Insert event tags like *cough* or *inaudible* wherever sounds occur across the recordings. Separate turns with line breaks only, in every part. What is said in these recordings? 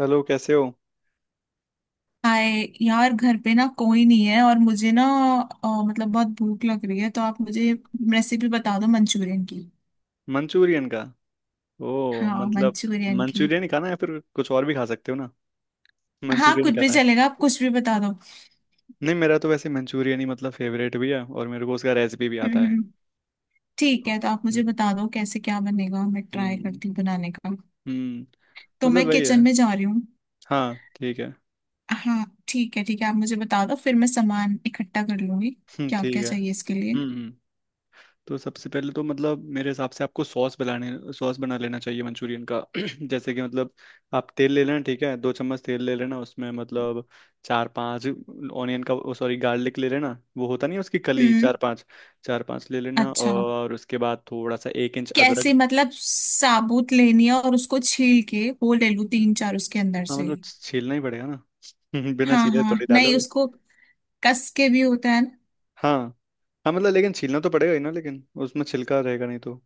Hello, कैसे हो।
Hi यार, घर पे ना कोई नहीं है और मुझे ना मतलब बहुत भूख लग रही है, तो आप मुझे रेसिपी बता दो मंचूरियन की।
मंचूरियन का? ओ,
हाँ
मतलब।
मंचूरियन की।
मंचूरियन ही खाना है या फिर कुछ और भी खा सकते हो ना?
हाँ
मंचूरियन ही
कुछ भी
खाना है।
चलेगा, आप कुछ भी बता दो।
नहीं, मेरा तो वैसे मंचूरियन ही मतलब फेवरेट भी है, और मेरे को उसका रेसिपी भी आता
हम्म,
है।
ठीक
तो,
है, तो आप
हम्म,
मुझे बता दो कैसे क्या बनेगा, मैं ट्राई
हम्म,
करती हूँ बनाने का।
हम्म।
तो
मतलब
मैं
वही
किचन
है।
में जा रही हूँ।
हाँ, ठीक है। *laughs*
हाँ ठीक है, ठीक है आप मुझे बता दो, फिर मैं सामान इकट्ठा कर लूंगी। क्या
ठीक
क्या
है।
चाहिए इसके लिए?
हम्म, तो सबसे पहले तो मतलब मेरे हिसाब से आपको सॉस बना लेना चाहिए मंचूरियन का। *clears throat* जैसे कि मतलब आप तेल ले लेना, ठीक है। दो चम्मच तेल ले लेना उसमें, मतलब चार पांच ऑनियन का, सॉरी, गार्लिक ले लेना, वो होता नहीं है उसकी कली,
हम्म।
चार पांच ले लेना,
अच्छा,
और उसके बाद थोड़ा सा 1 इंच
कैसे
अदरक।
मतलब साबुत लेनी है और उसको छील के वो ले लूं तीन चार उसके अंदर
हाँ,
से?
मतलब छीलना ही पड़ेगा ना। *laughs* बिना
हाँ
छीले
हाँ,
थोड़ी
नहीं
डालोगे।
उसको कस के भी होता है ना।
हाँ, हाँ, मतलब लेकिन छीलना तो पड़ेगा ही ना, लेकिन उसमें छिलका रहेगा नहीं तो।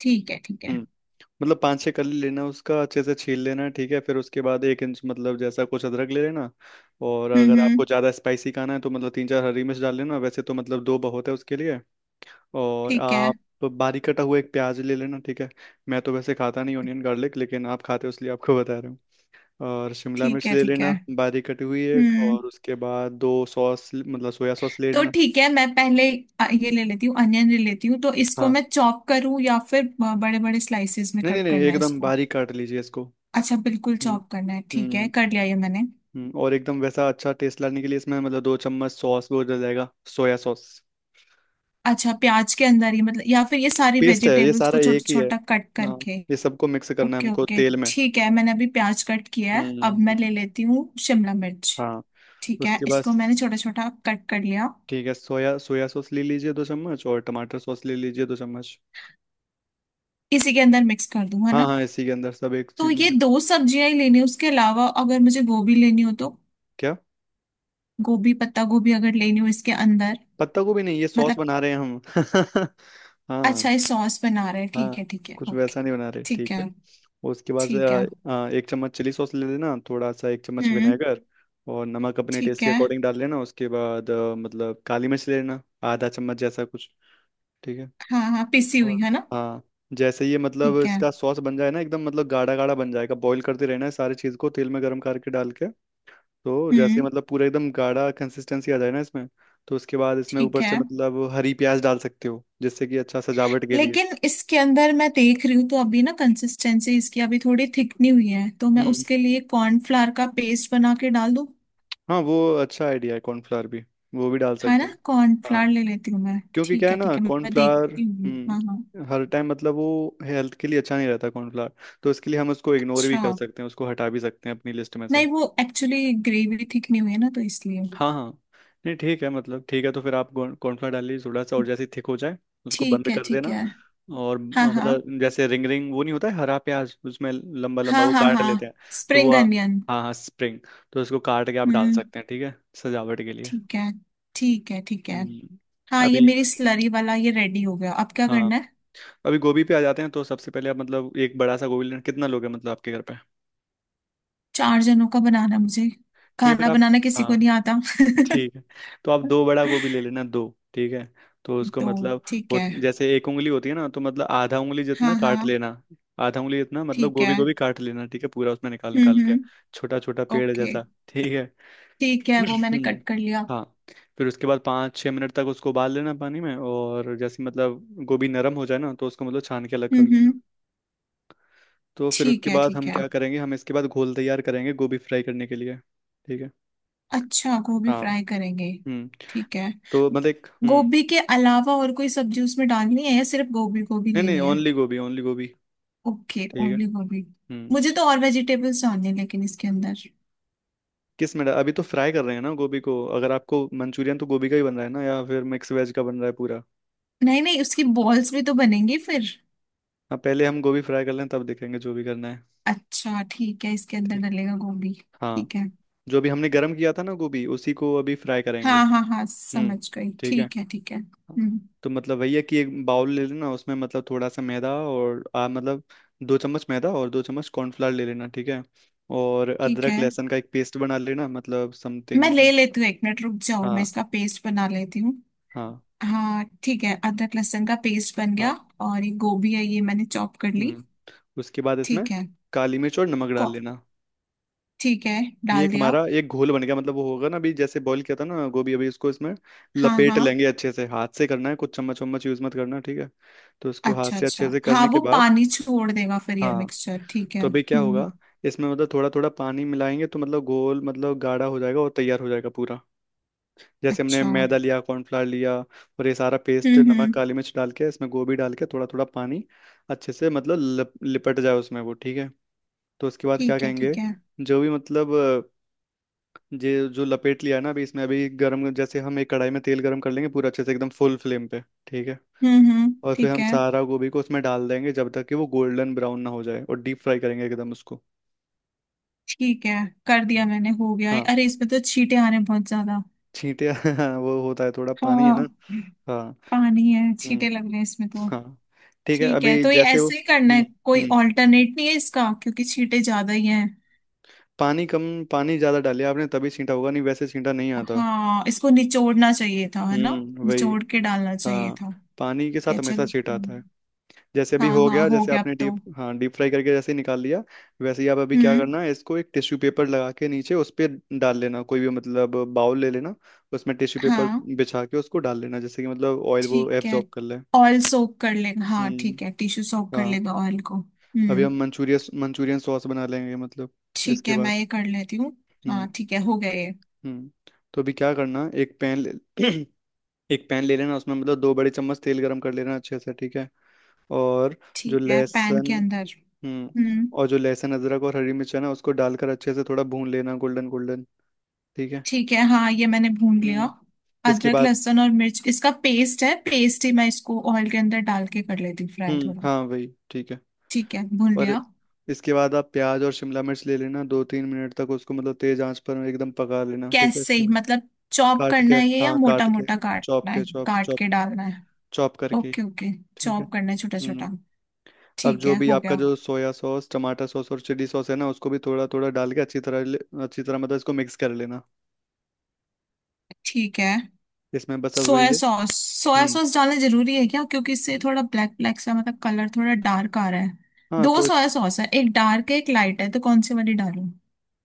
ठीक है ठीक है।
हम्म। मतलब पाँच छः कली लेना, उसका अच्छे से छील लेना, ठीक है। फिर उसके बाद एक इंच मतलब जैसा कुछ अदरक ले लेना। और
हम्म,
अगर आपको
हम्म।
ज़्यादा स्पाइसी खाना है तो मतलब तीन चार हरी मिर्च डाल लेना। वैसे तो मतलब दो बहुत है उसके लिए। और
ठीक है,
आप बारीक कटा हुआ एक प्याज ले लेना, ठीक है। मैं तो वैसे खाता नहीं ऑनियन गार्लिक, लेकिन आप खाते हो इसलिए आपको *laughs* बता रहा हूँ। और शिमला
ठीक
मिर्च
है,
ले
ठीक है।
लेना बारीक कटी हुई एक,
हम्म।
और उसके बाद दो सॉस मतलब सोया सॉस ले
तो
लेना।
ठीक है, मैं पहले ये ले लेती हूँ, अनियन ले लेती हूँ, तो इसको
हाँ।
मैं चॉप करूँ या फिर बड़े बड़े स्लाइसेस में
नहीं, नहीं,
कट
नहीं,
करना है
एकदम
इसको?
बारीक काट लीजिए इसको।
अच्छा, बिल्कुल
हम्म,
चॉप करना है, ठीक है,
हम्म,
कर लिया ये मैंने।
हम्म। और एकदम वैसा अच्छा टेस्ट लाने के लिए इसमें मतलब दो चम्मच सॉस भी डल जाएगा, सोया सॉस।
अच्छा प्याज के अंदर ही मतलब, या फिर ये सारी
पेस्ट है, ये
वेजिटेबल्स
सारा
को छोटा
एक ही है।
छोटा कट
हाँ,
करके?
ये सबको मिक्स करना है
ओके
हमको
ओके,
तेल में।
ठीक है, मैंने अभी प्याज कट किया है,
हम्म,
अब मैं
हम्म।
ले लेती हूँ शिमला मिर्च।
हाँ,
ठीक है,
उसके बाद।
इसको मैंने छोटा छोटा कट कर लिया।
ठीक है, सोया सोया सॉस ले लीजिए दो चम्मच, और टमाटर सॉस ले लीजिए दो चम्मच।
इसी के अंदर मिक्स कर दूँ है ना?
हाँ, हाँ, इसी के अंदर सब एक
तो
चीज में।
ये दो सब्जियां ही लेनी है? उसके अलावा अगर मुझे गोभी लेनी हो तो?
क्या?
गोभी, पत्ता गोभी अगर लेनी हो इसके अंदर?
पत्ता गोभी नहीं, ये सॉस
मतलब?
बना रहे हैं हम। *laughs* हाँ।
अच्छा, ये सॉस बना रहे हैं,
हाँ,
ठीक है
कुछ वैसा
ओके।
नहीं बना रहे,
ठीक
ठीक
है
है। उसके बाद से,
ठीक है।
आ, आ, एक चम्मच चिली सॉस ले लेना, थोड़ा सा एक चम्मच
हम्म,
विनेगर। और नमक अपने
ठीक
टेस्ट के
है।
अकॉर्डिंग डाल लेना। उसके बाद मतलब काली मिर्च ले लेना, आधा चम्मच जैसा कुछ, ठीक है।
हाँ हाँ, पिसी हुई
और
है ना?
हाँ, जैसे ये मतलब
ठीक है।
इसका सॉस बन जाए ना एकदम, मतलब गाढ़ा गाढ़ा बन जाएगा। बॉईल करते रहना है सारी चीज़ को, तेल में गर्म करके डाल के। तो जैसे
हम्म।
मतलब पूरा एकदम गाढ़ा कंसिस्टेंसी आ जाए ना इसमें, तो उसके बाद इसमें
ठीक
ऊपर से
है,
मतलब हरी प्याज डाल सकते हो, जिससे कि अच्छा सजावट के लिए।
लेकिन इसके अंदर मैं देख रही हूँ तो अभी ना, कंसिस्टेंसी इसकी अभी थोड़ी थिक नहीं हुई है, तो मैं
हम्म।
उसके लिए कॉर्नफ्लावर का पेस्ट बना के डाल दूँ?
हाँ, वो अच्छा आइडिया है, कॉर्नफ्लावर भी वो भी डाल
है ना,
सकते हैं।
कॉर्नफ्लावर
हाँ।
ले लेती हूँ मैं,
क्योंकि क्या
ठीक
है
है
ना,
ठीक है, मैं
कॉर्नफ्लावर
देखती हूँ, हाँ हाँ।
हर टाइम मतलब वो हेल्थ के लिए अच्छा नहीं रहता, कॉर्नफ्लावर। तो इसके लिए हम उसको इग्नोर भी
अच्छा,
कर सकते हैं, उसको हटा भी सकते हैं अपनी लिस्ट में से।
नहीं वो एक्चुअली ग्रेवी थिक नहीं हुई है ना, तो इसलिए।
हाँ, हाँ, नहीं, ठीक है, मतलब ठीक है, तो फिर आप कॉर्नफ्लावर डाल लीजिए थोड़ा सा, और जैसे थिक हो जाए उसको
ठीक
बंद
है
कर देना।
ठीक है।
और
हाँ हाँ
मतलब जैसे रिंग रिंग वो नहीं होता है, हरा प्याज उसमें लंबा लंबा
हाँ,
वो
हाँ
काट
हाँ
लेते हैं। तो
स्प्रिंग अनियन।
हाँ, हाँ, स्प्रिंग। तो उसको काट के आप डाल
हम्म।
सकते हैं, ठीक है, सजावट के लिए।
ठीक है, ठीक है, ठीक है।
हम्म।
हाँ, ये
अभी,
मेरी स्लरी वाला ये रेडी हो गया, अब क्या
हाँ,
करना है?
अभी गोभी पे आ जाते हैं। तो सबसे पहले आप मतलब एक बड़ा सा गोभी लेना, कितना लोगे मतलब आपके घर पे?
चार जनों का बनाना मुझे,
ठीक है, फिर
खाना
आप,
बनाना किसी को
हाँ,
नहीं आता। *laughs*
ठीक है, तो आप दो बड़ा गोभी ले लेना, दो, ठीक है। तो उसको
तो
मतलब,
ठीक
हो
है।
जैसे एक उंगली होती है ना, तो मतलब आधा उंगली
हाँ
जितना
हाँ
काट लेना, आधा उंगली जितना मतलब
ठीक
गोभी
है।
गोभी काट लेना, ठीक है, पूरा उसमें निकाल निकाल
हम्म,
के,
हम्म।
छोटा छोटा पेड़
ओके,
जैसा, ठीक है।
ठीक है
*clears throat*
वो मैंने
हम्म।
कट कर लिया।
हाँ, फिर उसके बाद 5-6 मिनट तक उसको उबाल लेना पानी में, और जैसे मतलब गोभी नरम हो जाए ना, तो उसको मतलब छान के अलग
हम्म,
कर लेना।
हम्म।
तो फिर
ठीक
उसके
है
बाद
ठीक
हम
है।
क्या करेंगे, हम इसके बाद घोल तैयार करेंगे गोभी फ्राई करने के लिए। ठीक है।
अच्छा, गोभी
हाँ।
फ्राई करेंगे?
हम्म।
ठीक है।
तो मतलब एक
गोभी के अलावा और कोई सब्जी उसमें डालनी है, या सिर्फ गोभी गोभी
नहीं, नहीं,
लेनी है?
ओनली गोभी, ओनली गोभी,
ओके,
ठीक है।
ओनली गोभी।
हम्म।
मुझे तो और वेजिटेबल्स डालने हैं लेकिन इसके अंदर।
अभी तो फ्राई कर रहे हैं ना गोभी को। अगर आपको मंचूरियन, तो गोभी का ही बन रहा है ना, या फिर मिक्स वेज का बन रहा है पूरा?
नहीं नहीं, उसकी बॉल्स भी तो बनेंगी फिर।
हाँ, पहले हम गोभी फ्राई कर लें तब देखेंगे जो भी करना है।
अच्छा ठीक है, इसके अंदर
ठीक।
डलेगा गोभी।
हाँ,
ठीक है।
जो भी हमने गर्म किया था ना, गोभी, उसी को अभी फ्राई करेंगे।
हाँ हाँ हाँ
हम्म।
समझ गई,
ठीक है।
ठीक है ठीक है,
हाँ,
हम्म।
तो मतलब वही है कि एक बाउल ले लेना, उसमें मतलब थोड़ा सा मैदा, और आ मतलब दो चम्मच मैदा और दो चम्मच कॉर्नफ्लावर ले लेना, ठीक है। और
ठीक
अदरक
है,
लहसुन का एक पेस्ट बना लेना, मतलब
मैं
समथिंग।
ले लेती हूँ, एक मिनट रुक जाओ, मैं
हाँ,
इसका पेस्ट बना लेती हूँ।
हाँ,
हाँ ठीक है, अदरक लहसुन का पेस्ट बन गया।
हाँ।
और ये गोभी है, ये मैंने चॉप कर ली।
हम्म। उसके बाद इसमें
ठीक है।
काली मिर्च और नमक डाल
को।
लेना।
ठीक है,
ये एक
डाल दिया।
हमारा एक घोल बन गया, मतलब वो होगा ना। अभी जैसे बॉईल किया था ना गोभी, अभी इसको इसमें
हाँ
लपेट
हाँ।
लेंगे अच्छे से, हाथ से करना है, कुछ चम्मच वम्मच यूज मत करना, ठीक है। तो इसको हाथ
अच्छा
से
अच्छा,
अच्छे से
हाँ
करने के
वो
बाद,
पानी छोड़ देगा फिर ये
हाँ,
मिक्सचर, ठीक है
तो अभी क्या होगा,
हम्म।
इसमें मतलब थोड़ा थोड़ा पानी मिलाएंगे तो मतलब गोल मतलब गाढ़ा हो जाएगा और तैयार हो जाएगा पूरा। जैसे हमने
अच्छा।
मैदा
हम्म,
लिया, कॉर्नफ्लावर लिया, और ये सारा पेस्ट, नमक
हम्म।
काली मिर्च डाल के, इसमें गोभी डाल के थोड़ा थोड़ा पानी, अच्छे से मतलब लिपट जाए उसमें वो, ठीक है। तो उसके बाद क्या
ठीक है
कहेंगे,
ठीक है।
जो भी मतलब, अ, जे जो लपेट लिया ना अभी इसमें, अभी गरम जैसे हम एक कढ़ाई में तेल गरम कर लेंगे पूरा अच्छे से एकदम फुल फ्लेम पे, ठीक है।
हम्म, हम्म।
और फिर
ठीक
हम
है
सारा गोभी को उसमें डाल देंगे जब तक कि वो गोल्डन ब्राउन ना हो जाए, और डीप फ्राई करेंगे एकदम उसको।
ठीक है, कर दिया
हम्म।
मैंने, हो गया है।
हाँ,
अरे इसमें तो छींटे आ रहे हैं बहुत ज्यादा।
छींटे। *laughs* हाँ, वो होता है थोड़ा, पानी है ना।
हाँ
हाँ।
पानी है,
हम्म।
छींटे लग रहे हैं इसमें तो।
हाँ, ठीक है,
ठीक है,
अभी
तो ये
जैसे वो।
ऐसे ही करना
हम्म।
है? कोई
हम्म।
ऑल्टरनेट नहीं है इसका, क्योंकि छींटे ज्यादा ही हैं।
पानी कम, पानी ज्यादा डालिए आपने तभी छींटा होगा, नहीं वैसे छींटा नहीं आता।
हाँ, इसको निचोड़ना चाहिए था है ना,
हम्म, वही।
निचोड़ के डालना चाहिए
हाँ,
था।
पानी के
क्या,
साथ हमेशा
चलो
छींटा आता है।
हम्म।
जैसे अभी
हाँ
हो
हाँ
गया,
हो
जैसे
गया
आपने
अब तो।
डीप, हाँ, डीप फ्राई करके जैसे निकाल लिया। वैसे ही आप, अभी क्या
हम्म।
करना है, इसको एक टिश्यू पेपर लगा के नीचे उस पे डाल लेना, कोई भी मतलब बाउल ले लेना, उसमें टिश्यू पेपर
हाँ
बिछा के उसको डाल लेना, जैसे कि मतलब ऑयल वो
ठीक है।
एब्जॉर्ब कर ले।
ऑयल सोक कर लेगा, हाँ
हम्म।
ठीक है, टिश्यू सोक कर
हाँ।
लेगा ऑयल को,
अभी
हम्म।
हम मंचूरियन मंचूरियन सॉस बना लेंगे, मतलब
ठीक
इसके
है,
बाद।
मैं ये कर लेती हूँ।
हम्म।
हाँ ठीक है, हो गया ये।
हम्म। तो अभी क्या करना, एक पैन ले *clears throat* एक पैन ले लेना, उसमें मतलब दो बड़े चम्मच तेल गरम कर लेना अच्छे से, ठीक है। और जो
ठीक है, पैन
लहसुन
के अंदर।
हम्म
हम्म।
और जो लहसुन अदरक और हरी मिर्च है ना, उसको डालकर अच्छे से थोड़ा भून लेना, गोल्डन गोल्डन, ठीक है।
ठीक है, हाँ ये मैंने भून लिया।
हम्म। इसके
अदरक
बाद।
लहसुन और मिर्च, इसका पेस्ट है, पेस्ट ही मैं इसको ऑयल के अंदर डाल के कर लेती फ्राई
हम्म।
थोड़ा।
हाँ, वही, ठीक है।
ठीक है, भून
और
लिया।
इसके बाद आप प्याज और शिमला मिर्च ले लेना, 2-3 मिनट तक उसको मतलब तेज आंच पर एकदम पका लेना, ठीक है,
कैसे
इसी में।
मतलब चॉप
काट के,
करना है ये, या
हाँ,
मोटा
काट के,
मोटा
चॉप
काटना
के
है,
चॉप
काट
चॉप
के डालना है?
चॉप करके,
ओके ओके,
ठीक है।
चॉप करना है छोटा
हम्म।
छोटा।
अब
ठीक
जो
है,
भी
हो
आपका
गया।
जो सोया सॉस, टमाटर सॉस और चिली सॉस है ना, उसको भी थोड़ा थोड़ा डाल के अच्छी तरह अच्छी तरह मतलब इसको मिक्स कर लेना।
ठीक है,
इसमें बस अब वही
सोया
है।
सॉस, सोया
हम्म।
सॉस डालना जरूरी है क्या? क्योंकि इससे थोड़ा ब्लैक ब्लैक सा मतलब कलर थोड़ा डार्क आ रहा है।
हाँ।
दो सोया सॉस है, एक डार्क है एक लाइट है, तो कौन सी वाली डालूं?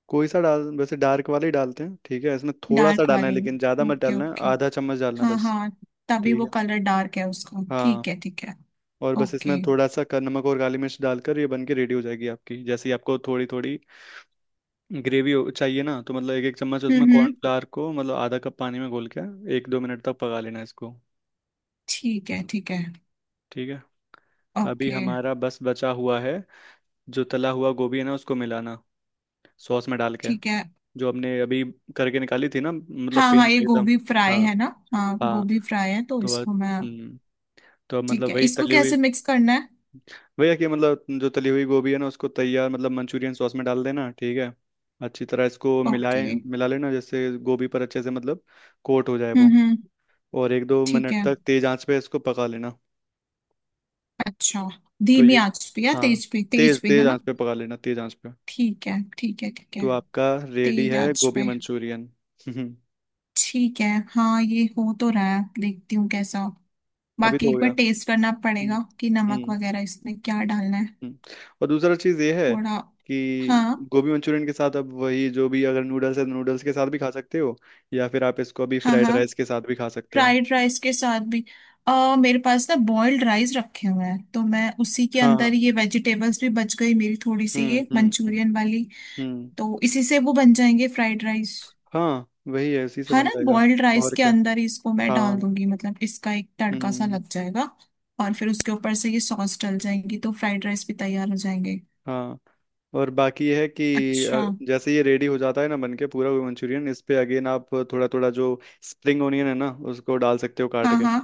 कोई सा डाल, वैसे डार्क वाले ही डालते हैं। ठीक है, इसमें थोड़ा सा
डार्क
डालना है
वाली,
लेकिन ज़्यादा मत
ओके
डालना है,
ओके।
आधा चम्मच डालना है
हाँ
बस,
हाँ, तभी
ठीक
वो
है।
कलर डार्क है उसका,
हाँ।
ठीक है
और बस इसमें
ओके।
थोड़ा सा नमक और काली मिर्च डालकर ये बन के रेडी हो जाएगी आपकी। जैसे ही आपको थोड़ी थोड़ी ग्रेवी चाहिए ना, तो मतलब एक एक चम्मच उसमें
हम्म, हम्म।
कॉर्नफ्लावर को, मतलब आधा कप पानी में घोल के, 1-2 मिनट तक पका लेना इसको।
ठीक है
ठीक है। अभी
ओके।
हमारा बस बचा हुआ है, जो तला हुआ गोभी है ना, उसको मिलाना सॉस में डाल के,
ठीक है।
जो हमने अभी करके निकाली थी ना, मतलब
हाँ
पेन
हाँ, ये
में एकदम।
गोभी फ्राई
हाँ,
है ना? हाँ
हाँ।
गोभी फ्राई है, तो
तो अब-
इसको मैं।
हम्म, तो अब
ठीक
मतलब
है,
वही
इसको
तली हुई।
कैसे मिक्स करना है?
वही है कि मतलब जो तली हुई गोभी है ना, उसको तैयार मतलब मंचूरियन सॉस में डाल देना, ठीक है। अच्छी तरह इसको
ओके।
मिला लेना, जैसे गोभी पर अच्छे से मतलब कोट हो जाए
हम्म,
वो,
हम्म।
और एक दो
ठीक
मिनट
है।
तक तेज आंच पे इसको पका लेना।
अच्छा,
तो
धीमी
ये,
आंच पे या
हाँ,
तेज पे, तेज
तेज
पे है
तेज
ना?
आंच पे पका लेना, तेज आंच पे।
ठीक है, ठीक है, ठीक है।
तो आपका रेडी
तेज
है
आंच
गोभी
पे,
मंचूरियन। हम्म।
ठीक है। हाँ ये हो तो रहा है, देखती हूँ कैसा हो।
अभी
बाकी
तो
एक
हो
बार
गया।
टेस्ट करना
हम्म।
पड़ेगा कि नमक
हम्म।
वगैरह इसमें क्या डालना है।
हम्म। और दूसरा चीज़ ये है,
थोड़ा।
कि
हाँ
गोभी मंचूरियन के साथ अब वही, जो भी, अगर नूडल्स है तो नूडल्स के साथ भी खा सकते हो, या फिर आप इसको अभी
हाँ
फ्राइड
हाँ,
राइस के साथ भी खा सकते हो।
फ्राइड राइस के साथ भी। मेरे पास ना बॉइल्ड राइस रखे हुए हैं, तो मैं उसी के अंदर
हाँ।
ये वेजिटेबल्स भी बच गई मेरी थोड़ी सी
हम्म।
ये
हम्म। हम्म।
मंचूरियन वाली।
हम्म।
तो इसी से वो बन जाएंगे फ्राइड राइस।
हाँ, वही है, उसी से
हाँ
बन
ना,
जाएगा।
बॉइल्ड राइस
और
के
क्या।
अंदर ही इसको मैं
हाँ।
डाल दूंगी, मतलब इसका एक तड़का सा
हम्म।
लग जाएगा। और फिर उसके ऊपर से ये सॉस डल जाएंगी, तो फ्राइड राइस भी तैयार हो जाएंगे।
हाँ। और बाकी ये है कि
अच्छा,
जैसे ये रेडी हो जाता है ना बन के पूरा वो मंचूरियन, इस पे अगेन आप थोड़ा थोड़ा जो स्प्रिंग ओनियन है ना उसको डाल सकते हो काट,
हाँ हाँ।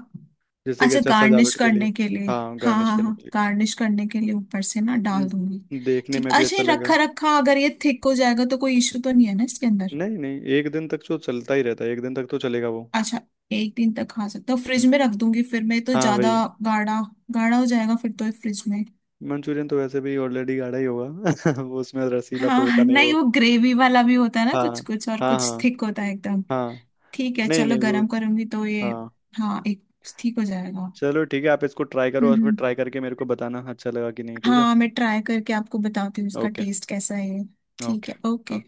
जैसे कि
अच्छा,
अच्छा
गार्निश
सजावट के लिए।
करने के लिए?
हाँ,
हाँ
गार्निश
हाँ
करने
हाँ,
के
गार्निश करने के लिए ऊपर से ना
लिए।
डाल दूंगी।
देखने
ठीक,
में भी
अच्छा, ये
अच्छा लगेगा।
रखा रखा अगर ये थिक हो जाएगा तो कोई इश्यू तो नहीं है ना इसके अंदर?
नहीं, नहीं, एक दिन तक तो चलता ही रहता है, एक दिन तक तो चलेगा वो।
अच्छा, एक दिन तक खा सकते हो, फ्रिज
हम्म।
में रख दूंगी फिर मैं, तो
हाँ,
ज्यादा
वही।
गाढ़ा, गाढ़ा हो जाएगा फिर तो फ्रिज में।
मंचूरियन तो वैसे भी ऑलरेडी गाढ़ा ही होगा। *laughs* वो उसमें रसीला तो होता
हाँ,
नहीं
नहीं
वो।
वो ग्रेवी वाला भी होता है ना
हाँ,
कुछ कुछ, और
हाँ,
कुछ
हाँ।
थिक होता है एकदम।
हाँ,
ठीक है,
नहीं,
चलो
नहीं, वो।
गरम करूंगी तो ये।
हाँ।
हाँ एक ठीक हो जाएगा।
चलो, ठीक है, आप इसको ट्राई करो
हम्म,
और फिर
हम्म।
ट्राई करके मेरे को बताना अच्छा लगा कि नहीं, ठीक है।
हाँ, मैं ट्राई करके आपको बताती हूँ उसका
ओके।
टेस्ट कैसा है। ठीक है, ओके।
ओके।